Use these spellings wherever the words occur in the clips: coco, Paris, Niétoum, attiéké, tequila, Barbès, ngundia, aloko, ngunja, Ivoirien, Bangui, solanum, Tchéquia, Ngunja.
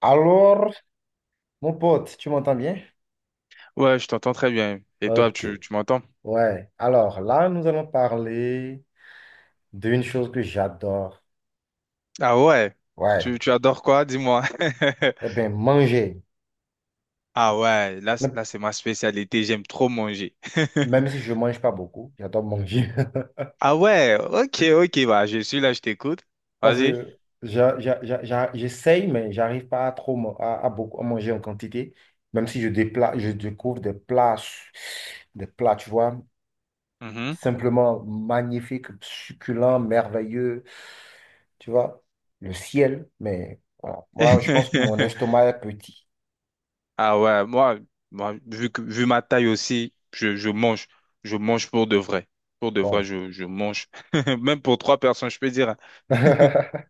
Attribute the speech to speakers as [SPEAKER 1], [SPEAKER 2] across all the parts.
[SPEAKER 1] Alors, mon pote, tu m'entends bien?
[SPEAKER 2] Ouais, je t'entends très bien. Et toi,
[SPEAKER 1] Ok,
[SPEAKER 2] tu m'entends?
[SPEAKER 1] ouais. Alors là, nous allons parler d'une chose que j'adore.
[SPEAKER 2] Ah ouais,
[SPEAKER 1] Ouais,
[SPEAKER 2] tu adores quoi? Dis-moi.
[SPEAKER 1] eh bien, manger.
[SPEAKER 2] Ah ouais, là,
[SPEAKER 1] Même
[SPEAKER 2] là c'est ma spécialité, j'aime trop manger.
[SPEAKER 1] même si je ne mange pas beaucoup, j'adore manger.
[SPEAKER 2] Ah ouais, ok, ok, bah je suis là, je t'écoute.
[SPEAKER 1] Parce
[SPEAKER 2] Vas-y.
[SPEAKER 1] que j'essaye, mais j'arrive pas à trop à beaucoup à manger en quantité. Même si je découvre des plats, tu vois.
[SPEAKER 2] Mhm.
[SPEAKER 1] Simplement magnifique, succulent, merveilleux. Tu vois, le ciel. Mais voilà, moi, je pense que mon estomac est petit.
[SPEAKER 2] Ah ouais, moi, moi vu, vu ma taille aussi, je mange. Je mange pour de vrai. Pour de vrai,
[SPEAKER 1] Bon.
[SPEAKER 2] je mange. Même pour trois personnes, je peux dire, hein.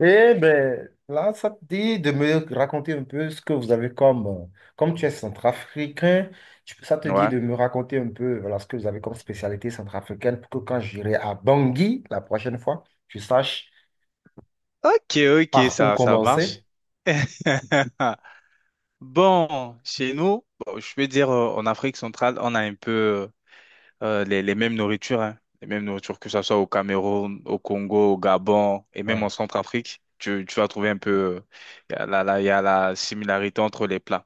[SPEAKER 1] Eh ben, là, ça te dit de me raconter un peu ce que vous avez comme, comme tu es centrafricain, ça te dit
[SPEAKER 2] Ouais.
[SPEAKER 1] de me raconter un peu, voilà, ce que vous avez comme spécialité centrafricaine pour que quand j'irai à Bangui la prochaine fois, je sache
[SPEAKER 2] Ok, ok,
[SPEAKER 1] par où
[SPEAKER 2] ça marche.
[SPEAKER 1] commencer.
[SPEAKER 2] Bon, chez nous, bon, je peux dire en Afrique centrale, on a un peu les mêmes nourritures, hein, les mêmes nourritures, que ce soit au Cameroun, au Congo, au Gabon et même en
[SPEAKER 1] Ouais,
[SPEAKER 2] Centrafrique. Tu vas trouver un peu, euh, il y a il y a la similarité entre les plats.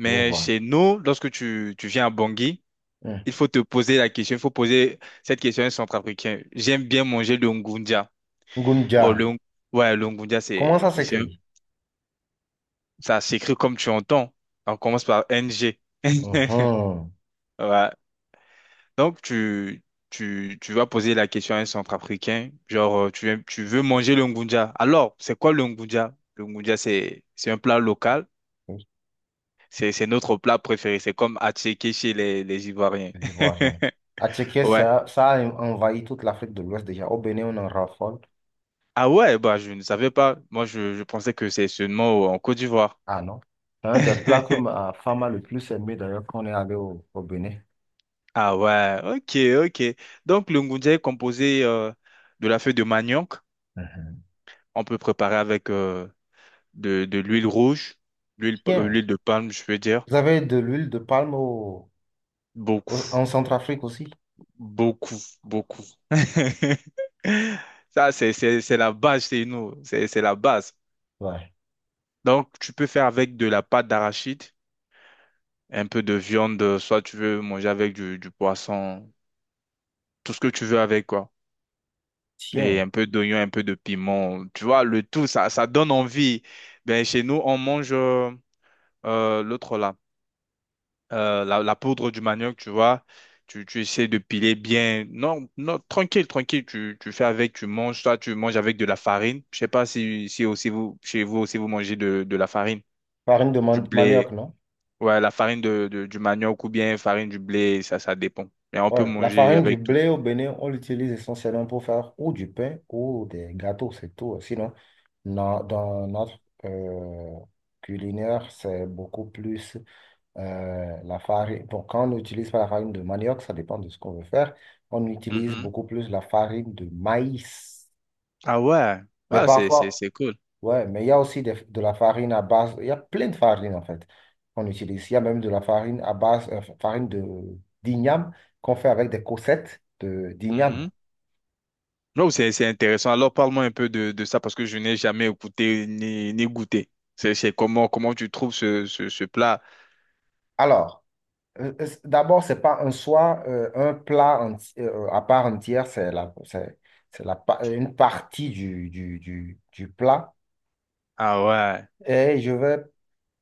[SPEAKER 1] je vois.
[SPEAKER 2] chez nous, lorsque tu viens à Bangui,
[SPEAKER 1] Hmm.
[SPEAKER 2] il faut te poser la question, il faut poser cette question à un Centrafricain. J'aime bien manger le ngundia.
[SPEAKER 1] Ngunja,
[SPEAKER 2] Bon, ouais, le ngundia,
[SPEAKER 1] comment ça s'écrit?
[SPEAKER 2] ça s'écrit comme tu entends. On commence par NG.
[SPEAKER 1] Mhm.
[SPEAKER 2] Ouais. Donc, tu vas poser la question à un centrafricain, genre, tu veux manger le ngunja. Alors, c'est quoi le ngunja? Le ngunja, c'est un plat local.
[SPEAKER 1] Oui,
[SPEAKER 2] C'est notre plat préféré. C'est comme attiéké chez les Ivoiriens.
[SPEAKER 1] les Ivoiriens. À Tchéquia,
[SPEAKER 2] Ouais.
[SPEAKER 1] ça a envahi toute l'Afrique de l'Ouest déjà. Au Bénin, on en raffole.
[SPEAKER 2] Ah ouais, bah, je ne savais pas. Moi, je pensais que c'est seulement en Côte d'Ivoire.
[SPEAKER 1] Ah non. C'est un des plats que ma femme a le plus aimé d'ailleurs quand on est allé au Bénin.
[SPEAKER 2] Ah ouais, ok, ok. Donc, le ngunja est composé de la feuille de manioc.
[SPEAKER 1] Mhm.
[SPEAKER 2] On peut préparer avec de l'huile rouge, l'huile,
[SPEAKER 1] Tiens,
[SPEAKER 2] l'huile de palme, je veux dire.
[SPEAKER 1] vous avez de l'huile de palme
[SPEAKER 2] Beaucoup,
[SPEAKER 1] en Centrafrique aussi?
[SPEAKER 2] beaucoup, beaucoup. Ça, c'est la base chez nous. C'est la base.
[SPEAKER 1] Ouais.
[SPEAKER 2] Donc, tu peux faire avec de la pâte d'arachide, un peu de viande, soit tu veux manger avec du poisson, tout ce que tu veux avec, quoi. Et
[SPEAKER 1] Tiens,
[SPEAKER 2] un peu d'oignon, un peu de piment. Tu vois, le tout, ça donne envie. Ben, chez nous, on mange l'autre là. La poudre du manioc, tu vois. Tu essaies de piler bien. Non, non, tranquille, tranquille. Tu fais avec, tu manges. Toi, tu manges avec de la farine. Je sais pas si, si aussi vous, chez vous aussi, vous mangez de la farine,
[SPEAKER 1] farine de
[SPEAKER 2] du blé.
[SPEAKER 1] manioc, non?
[SPEAKER 2] Ouais, la farine du manioc ou bien farine du blé, ça dépend. Mais on peut
[SPEAKER 1] Ouais, la
[SPEAKER 2] manger
[SPEAKER 1] farine du
[SPEAKER 2] avec tout.
[SPEAKER 1] blé au Bénin, on l'utilise essentiellement pour faire ou du pain ou des gâteaux, c'est tout. Sinon, dans notre euh, culinaire, c'est beaucoup plus la farine. Bon, quand on n'utilise pas la farine de manioc, ça dépend de ce qu'on veut faire. On utilise
[SPEAKER 2] Mhm.
[SPEAKER 1] beaucoup plus la farine de maïs.
[SPEAKER 2] Ah ouais.
[SPEAKER 1] Mais
[SPEAKER 2] Ah,
[SPEAKER 1] parfois,
[SPEAKER 2] c'est cool.
[SPEAKER 1] ouais, mais il y a aussi de la farine à base, il y a plein de farines en fait qu'on utilise. Il y a même de la farine à base, farine de d'igname qu'on fait avec des cossettes de d'igname.
[SPEAKER 2] Mhm. Non, c'est intéressant. Alors, parle-moi un peu de ça parce que je n'ai jamais écouté ni, ni goûté. Comment tu trouves ce plat?
[SPEAKER 1] Alors, d'abord, c'est pas un soi, un plat à part entière, c'est la, une partie du plat.
[SPEAKER 2] Ah ouais.
[SPEAKER 1] Et je vais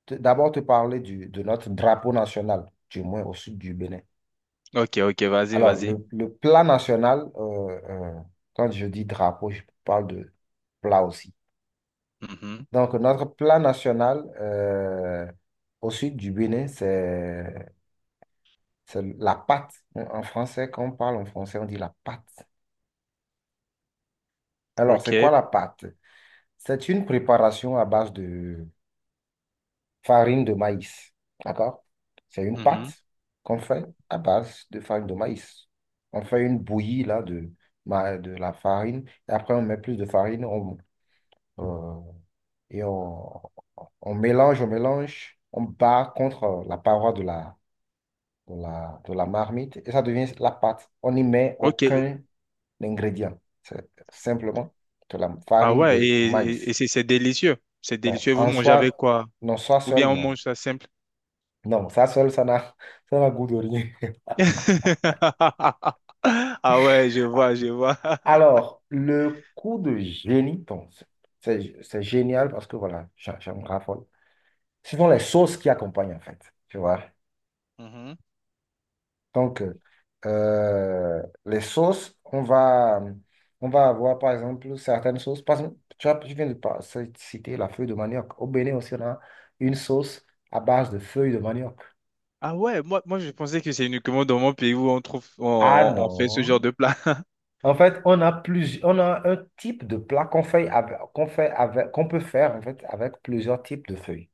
[SPEAKER 1] d'abord te parler du, de notre drapeau national, du moins au sud du Bénin.
[SPEAKER 2] Ok, ok, vas-y,
[SPEAKER 1] Alors,
[SPEAKER 2] vas-y.
[SPEAKER 1] le plat national, quand je dis drapeau, je parle de plat aussi.
[SPEAKER 2] Mhm.
[SPEAKER 1] Donc, notre plat national au sud du Bénin, c'est la pâte. En français, quand on parle en français, on dit la pâte. Alors, c'est quoi
[SPEAKER 2] Ok.
[SPEAKER 1] la pâte? C'est une préparation à base de farine de maïs. D'accord? C'est une
[SPEAKER 2] Mhm.
[SPEAKER 1] pâte qu'on fait à base de farine de maïs. On fait une bouillie là, de la farine. Et après, on met plus de farine, euh, et on, on mélange, on mélange, on bat contre la paroi de la marmite et ça devient la pâte. On n'y met
[SPEAKER 2] Ok.
[SPEAKER 1] aucun ingrédient. C'est simplement de la
[SPEAKER 2] Ah
[SPEAKER 1] farine
[SPEAKER 2] ouais,
[SPEAKER 1] de
[SPEAKER 2] et
[SPEAKER 1] maïs.
[SPEAKER 2] c'est délicieux. C'est
[SPEAKER 1] Donc,
[SPEAKER 2] délicieux. Vous
[SPEAKER 1] en
[SPEAKER 2] mangez avec
[SPEAKER 1] soi,
[SPEAKER 2] quoi?
[SPEAKER 1] non, soi
[SPEAKER 2] Ou
[SPEAKER 1] seul,
[SPEAKER 2] bien on
[SPEAKER 1] non.
[SPEAKER 2] mange ça simple?
[SPEAKER 1] Non, ça seul, ça n'a, ça n'a goût de rien.
[SPEAKER 2] Ah ouais, je vois, je vois.
[SPEAKER 1] Alors, le coup de génie, bon, c'est génial parce que voilà, j'en raffole. Ce sont les sauces qui accompagnent en fait, tu vois.
[SPEAKER 2] Mhm.
[SPEAKER 1] Donc, les sauces, on va avoir par exemple certaines sauces. Par exemple, tu viens de citer la feuille de manioc. Au Bénin aussi, on a une sauce à base de feuilles de manioc.
[SPEAKER 2] Ah ouais, moi, moi je pensais que c'est uniquement dans mon pays où on trouve,
[SPEAKER 1] Ah
[SPEAKER 2] on fait ce genre
[SPEAKER 1] non.
[SPEAKER 2] de plat.
[SPEAKER 1] En fait, on a plusieurs, on a un type de plat qu'on peut faire en fait avec plusieurs types de feuilles.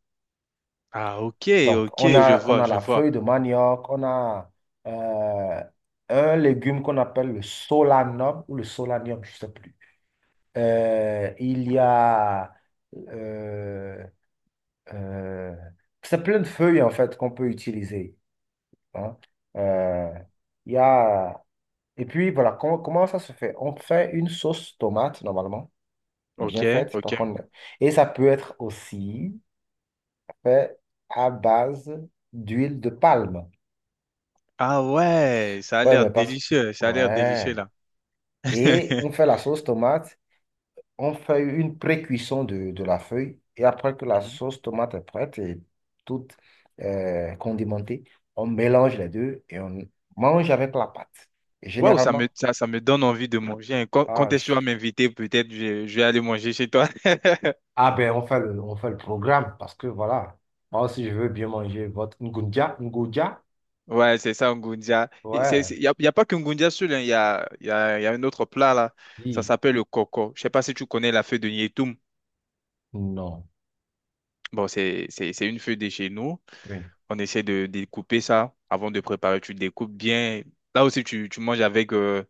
[SPEAKER 2] Ah ok,
[SPEAKER 1] Donc,
[SPEAKER 2] ok, je
[SPEAKER 1] on
[SPEAKER 2] vois,
[SPEAKER 1] a
[SPEAKER 2] je
[SPEAKER 1] la
[SPEAKER 2] vois.
[SPEAKER 1] feuille de manioc, on a euh, un légume qu'on appelle le solanum ou le solanium, je ne sais plus. Euh, il y a, euh, euh, c'est plein de feuilles en fait qu'on peut utiliser, hein. Euh, il y a, et puis voilà, comment ça se fait? On fait une sauce tomate normalement,
[SPEAKER 2] Ok,
[SPEAKER 1] bien faite,
[SPEAKER 2] ok.
[SPEAKER 1] et ça peut être aussi fait à base d'huile de palme.
[SPEAKER 2] Ah ouais, ça a
[SPEAKER 1] Ouais,
[SPEAKER 2] l'air
[SPEAKER 1] mais pas,
[SPEAKER 2] délicieux, ça a l'air délicieux
[SPEAKER 1] ouais.
[SPEAKER 2] là.
[SPEAKER 1] Et on fait la sauce tomate, on fait une pré-cuisson de la feuille et après que la sauce tomate est prête et toute condimentée, on mélange les deux et on mange avec la pâte. Et
[SPEAKER 2] Waouh,
[SPEAKER 1] généralement,
[SPEAKER 2] ça me donne envie de manger, hein. Quand
[SPEAKER 1] ah,
[SPEAKER 2] est-ce que tu
[SPEAKER 1] je-
[SPEAKER 2] vas m'inviter, peut-être je vais aller manger chez toi.
[SPEAKER 1] ah ben on fait on fait le programme parce que voilà, moi si je veux bien manger votre ngunja, ngunja,
[SPEAKER 2] Ouais, c'est ça, Ngunja.
[SPEAKER 1] ouais,
[SPEAKER 2] Y a pas que Ngunja seul, hein. il y a, y a, y a un autre plat là. Ça
[SPEAKER 1] oui,
[SPEAKER 2] s'appelle le coco. Je sais pas si tu connais la feuille de Niétoum.
[SPEAKER 1] non,
[SPEAKER 2] Bon, c'est une feuille de chez nous.
[SPEAKER 1] oui,
[SPEAKER 2] On essaie de découper ça avant de préparer. Tu découpes bien. Là aussi, tu manges avec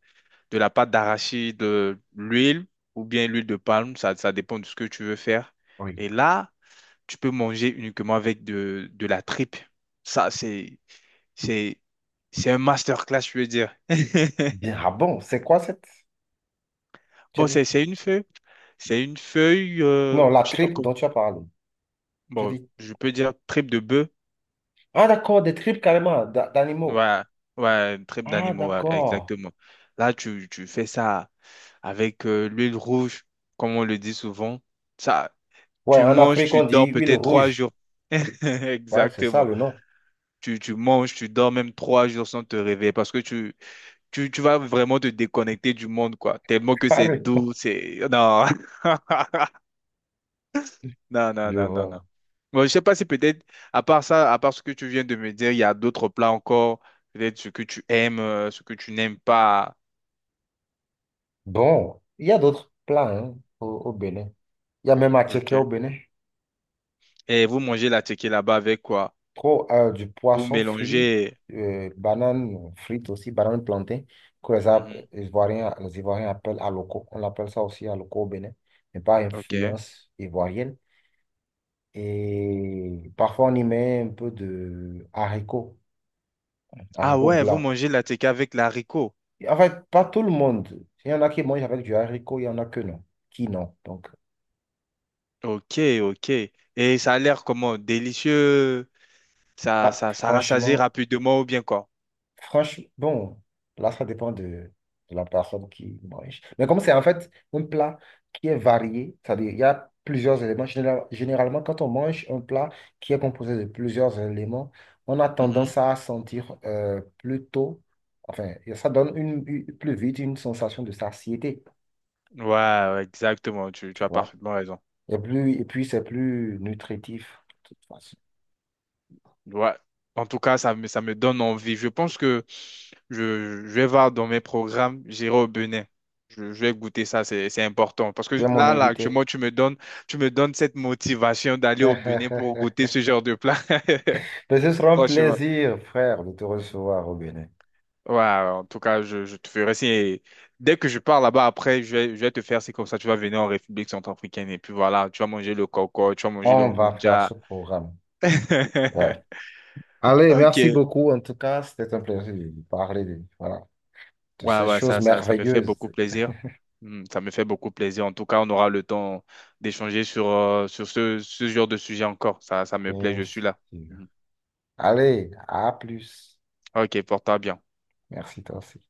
[SPEAKER 2] de la pâte d'arachide, de l'huile ou bien l'huile de palme. Ça, dépend de ce que tu veux faire.
[SPEAKER 1] oui.
[SPEAKER 2] Et là, tu peux manger uniquement avec de la tripe. Ça, c'est, c'est un masterclass, je veux dire.
[SPEAKER 1] Bien, ah bon, c'est quoi cette, tu as
[SPEAKER 2] Bon,
[SPEAKER 1] dit,
[SPEAKER 2] c'est une feuille. C'est une feuille,
[SPEAKER 1] non, la
[SPEAKER 2] je sais pas
[SPEAKER 1] tripe
[SPEAKER 2] comment.
[SPEAKER 1] dont tu as parlé, tu as
[SPEAKER 2] Bon,
[SPEAKER 1] dit,
[SPEAKER 2] je peux dire tripe de bœuf.
[SPEAKER 1] ah d'accord, des tripes carrément d'animaux,
[SPEAKER 2] Ouais, ouais, une tripe
[SPEAKER 1] ah
[SPEAKER 2] d'animaux, ouais,
[SPEAKER 1] d'accord.
[SPEAKER 2] exactement. Là, tu fais ça avec l'huile rouge, comme on le dit souvent. Ça,
[SPEAKER 1] Ouais,
[SPEAKER 2] tu
[SPEAKER 1] en
[SPEAKER 2] manges,
[SPEAKER 1] Afrique,
[SPEAKER 2] tu
[SPEAKER 1] on dit
[SPEAKER 2] dors
[SPEAKER 1] huile
[SPEAKER 2] peut-être trois
[SPEAKER 1] rouge.
[SPEAKER 2] jours.
[SPEAKER 1] Ouais, c'est ça
[SPEAKER 2] Exactement.
[SPEAKER 1] le nom.
[SPEAKER 2] Tu manges, tu dors même trois jours sans te réveiller parce que tu vas vraiment te déconnecter du monde, quoi. Tellement que c'est
[SPEAKER 1] Carrément.
[SPEAKER 2] doux, c'est... Non, non, non,
[SPEAKER 1] Je
[SPEAKER 2] non, non, non.
[SPEAKER 1] vois.
[SPEAKER 2] Bon, je sais pas si peut-être, à part ça, à part ce que tu viens de me dire, il y a d'autres plats encore, peut-être ce que tu aimes, ce que tu n'aimes pas.
[SPEAKER 1] Bon, il y a d'autres plats hein, au Bénin. Il y a même à checker au
[SPEAKER 2] Ok.
[SPEAKER 1] Bénin.
[SPEAKER 2] Et vous mangez la tequila là-bas avec quoi?
[SPEAKER 1] Trop du
[SPEAKER 2] Vous
[SPEAKER 1] poisson frit,
[SPEAKER 2] mélangez...
[SPEAKER 1] banane frite aussi, banane plantain, que
[SPEAKER 2] Mhm.
[SPEAKER 1] les Ivoiriens appellent aloko. On l'appelle ça aussi aloko au Bénin, mais par
[SPEAKER 2] Ok.
[SPEAKER 1] influence ivoirienne. Et parfois, on y met un peu de haricots,
[SPEAKER 2] Ah
[SPEAKER 1] haricots
[SPEAKER 2] ouais, vous
[SPEAKER 1] blancs.
[SPEAKER 2] mangez la tequila avec l'haricot.
[SPEAKER 1] En fait, pas tout le monde. Il y en a qui mangent avec du haricot, il y en a que non, qui non. Donc,
[SPEAKER 2] Ok, ok. Et ça a l'air comment? Délicieux.
[SPEAKER 1] ah,
[SPEAKER 2] Ça rassasie
[SPEAKER 1] franchement,
[SPEAKER 2] rapidement ou bien quoi?
[SPEAKER 1] franchement, bon, là, ça dépend de la personne qui mange. Mais comme c'est en fait un plat qui est varié, c'est-à-dire il y a plusieurs éléments. Généralement, quand on mange un plat qui est composé de plusieurs éléments, on a tendance à sentir plutôt, enfin, ça donne plus vite une sensation de satiété,
[SPEAKER 2] Ouais, ouais, exactement, tu
[SPEAKER 1] tu
[SPEAKER 2] as
[SPEAKER 1] vois.
[SPEAKER 2] parfaitement raison.
[SPEAKER 1] Et puis, c'est plus nutritif, de toute façon.
[SPEAKER 2] Ouais. En tout cas, ça me donne envie. Je pense que je vais voir dans mes programmes, j'irai au Bénin. Je vais goûter ça, c'est important. Parce que
[SPEAKER 1] Tu es mon
[SPEAKER 2] là, là,
[SPEAKER 1] invité.
[SPEAKER 2] actuellement, tu me donnes cette motivation d'aller au Bénin pour goûter ce genre de plat.
[SPEAKER 1] Mais ce sera un
[SPEAKER 2] Franchement.
[SPEAKER 1] plaisir, frère, de te recevoir au Bénin.
[SPEAKER 2] Ouais, ouais, en tout cas, je te ferai signe. Et dès que je pars là-bas, après, je vais te faire, c'est comme ça, tu vas venir en République centrafricaine. Et puis voilà, tu vas manger le coco, tu vas manger le
[SPEAKER 1] On va faire
[SPEAKER 2] ngoudja.
[SPEAKER 1] ce programme. Ouais. Allez, merci
[SPEAKER 2] Ok.
[SPEAKER 1] beaucoup. En tout cas, c'était un plaisir de parler de, voilà, de
[SPEAKER 2] Ouais,
[SPEAKER 1] ces
[SPEAKER 2] ouais,
[SPEAKER 1] choses
[SPEAKER 2] ça me fait
[SPEAKER 1] merveilleuses.
[SPEAKER 2] beaucoup plaisir. Hmm, ça me fait beaucoup plaisir. En tout cas, on aura le temps d'échanger sur, sur ce, ce genre de sujet encore. Ça me plaît,
[SPEAKER 1] Bien
[SPEAKER 2] je suis là.
[SPEAKER 1] sûr.
[SPEAKER 2] Mhm.
[SPEAKER 1] Allez, à plus.
[SPEAKER 2] Ok, porte-toi bien.
[SPEAKER 1] Merci, toi aussi.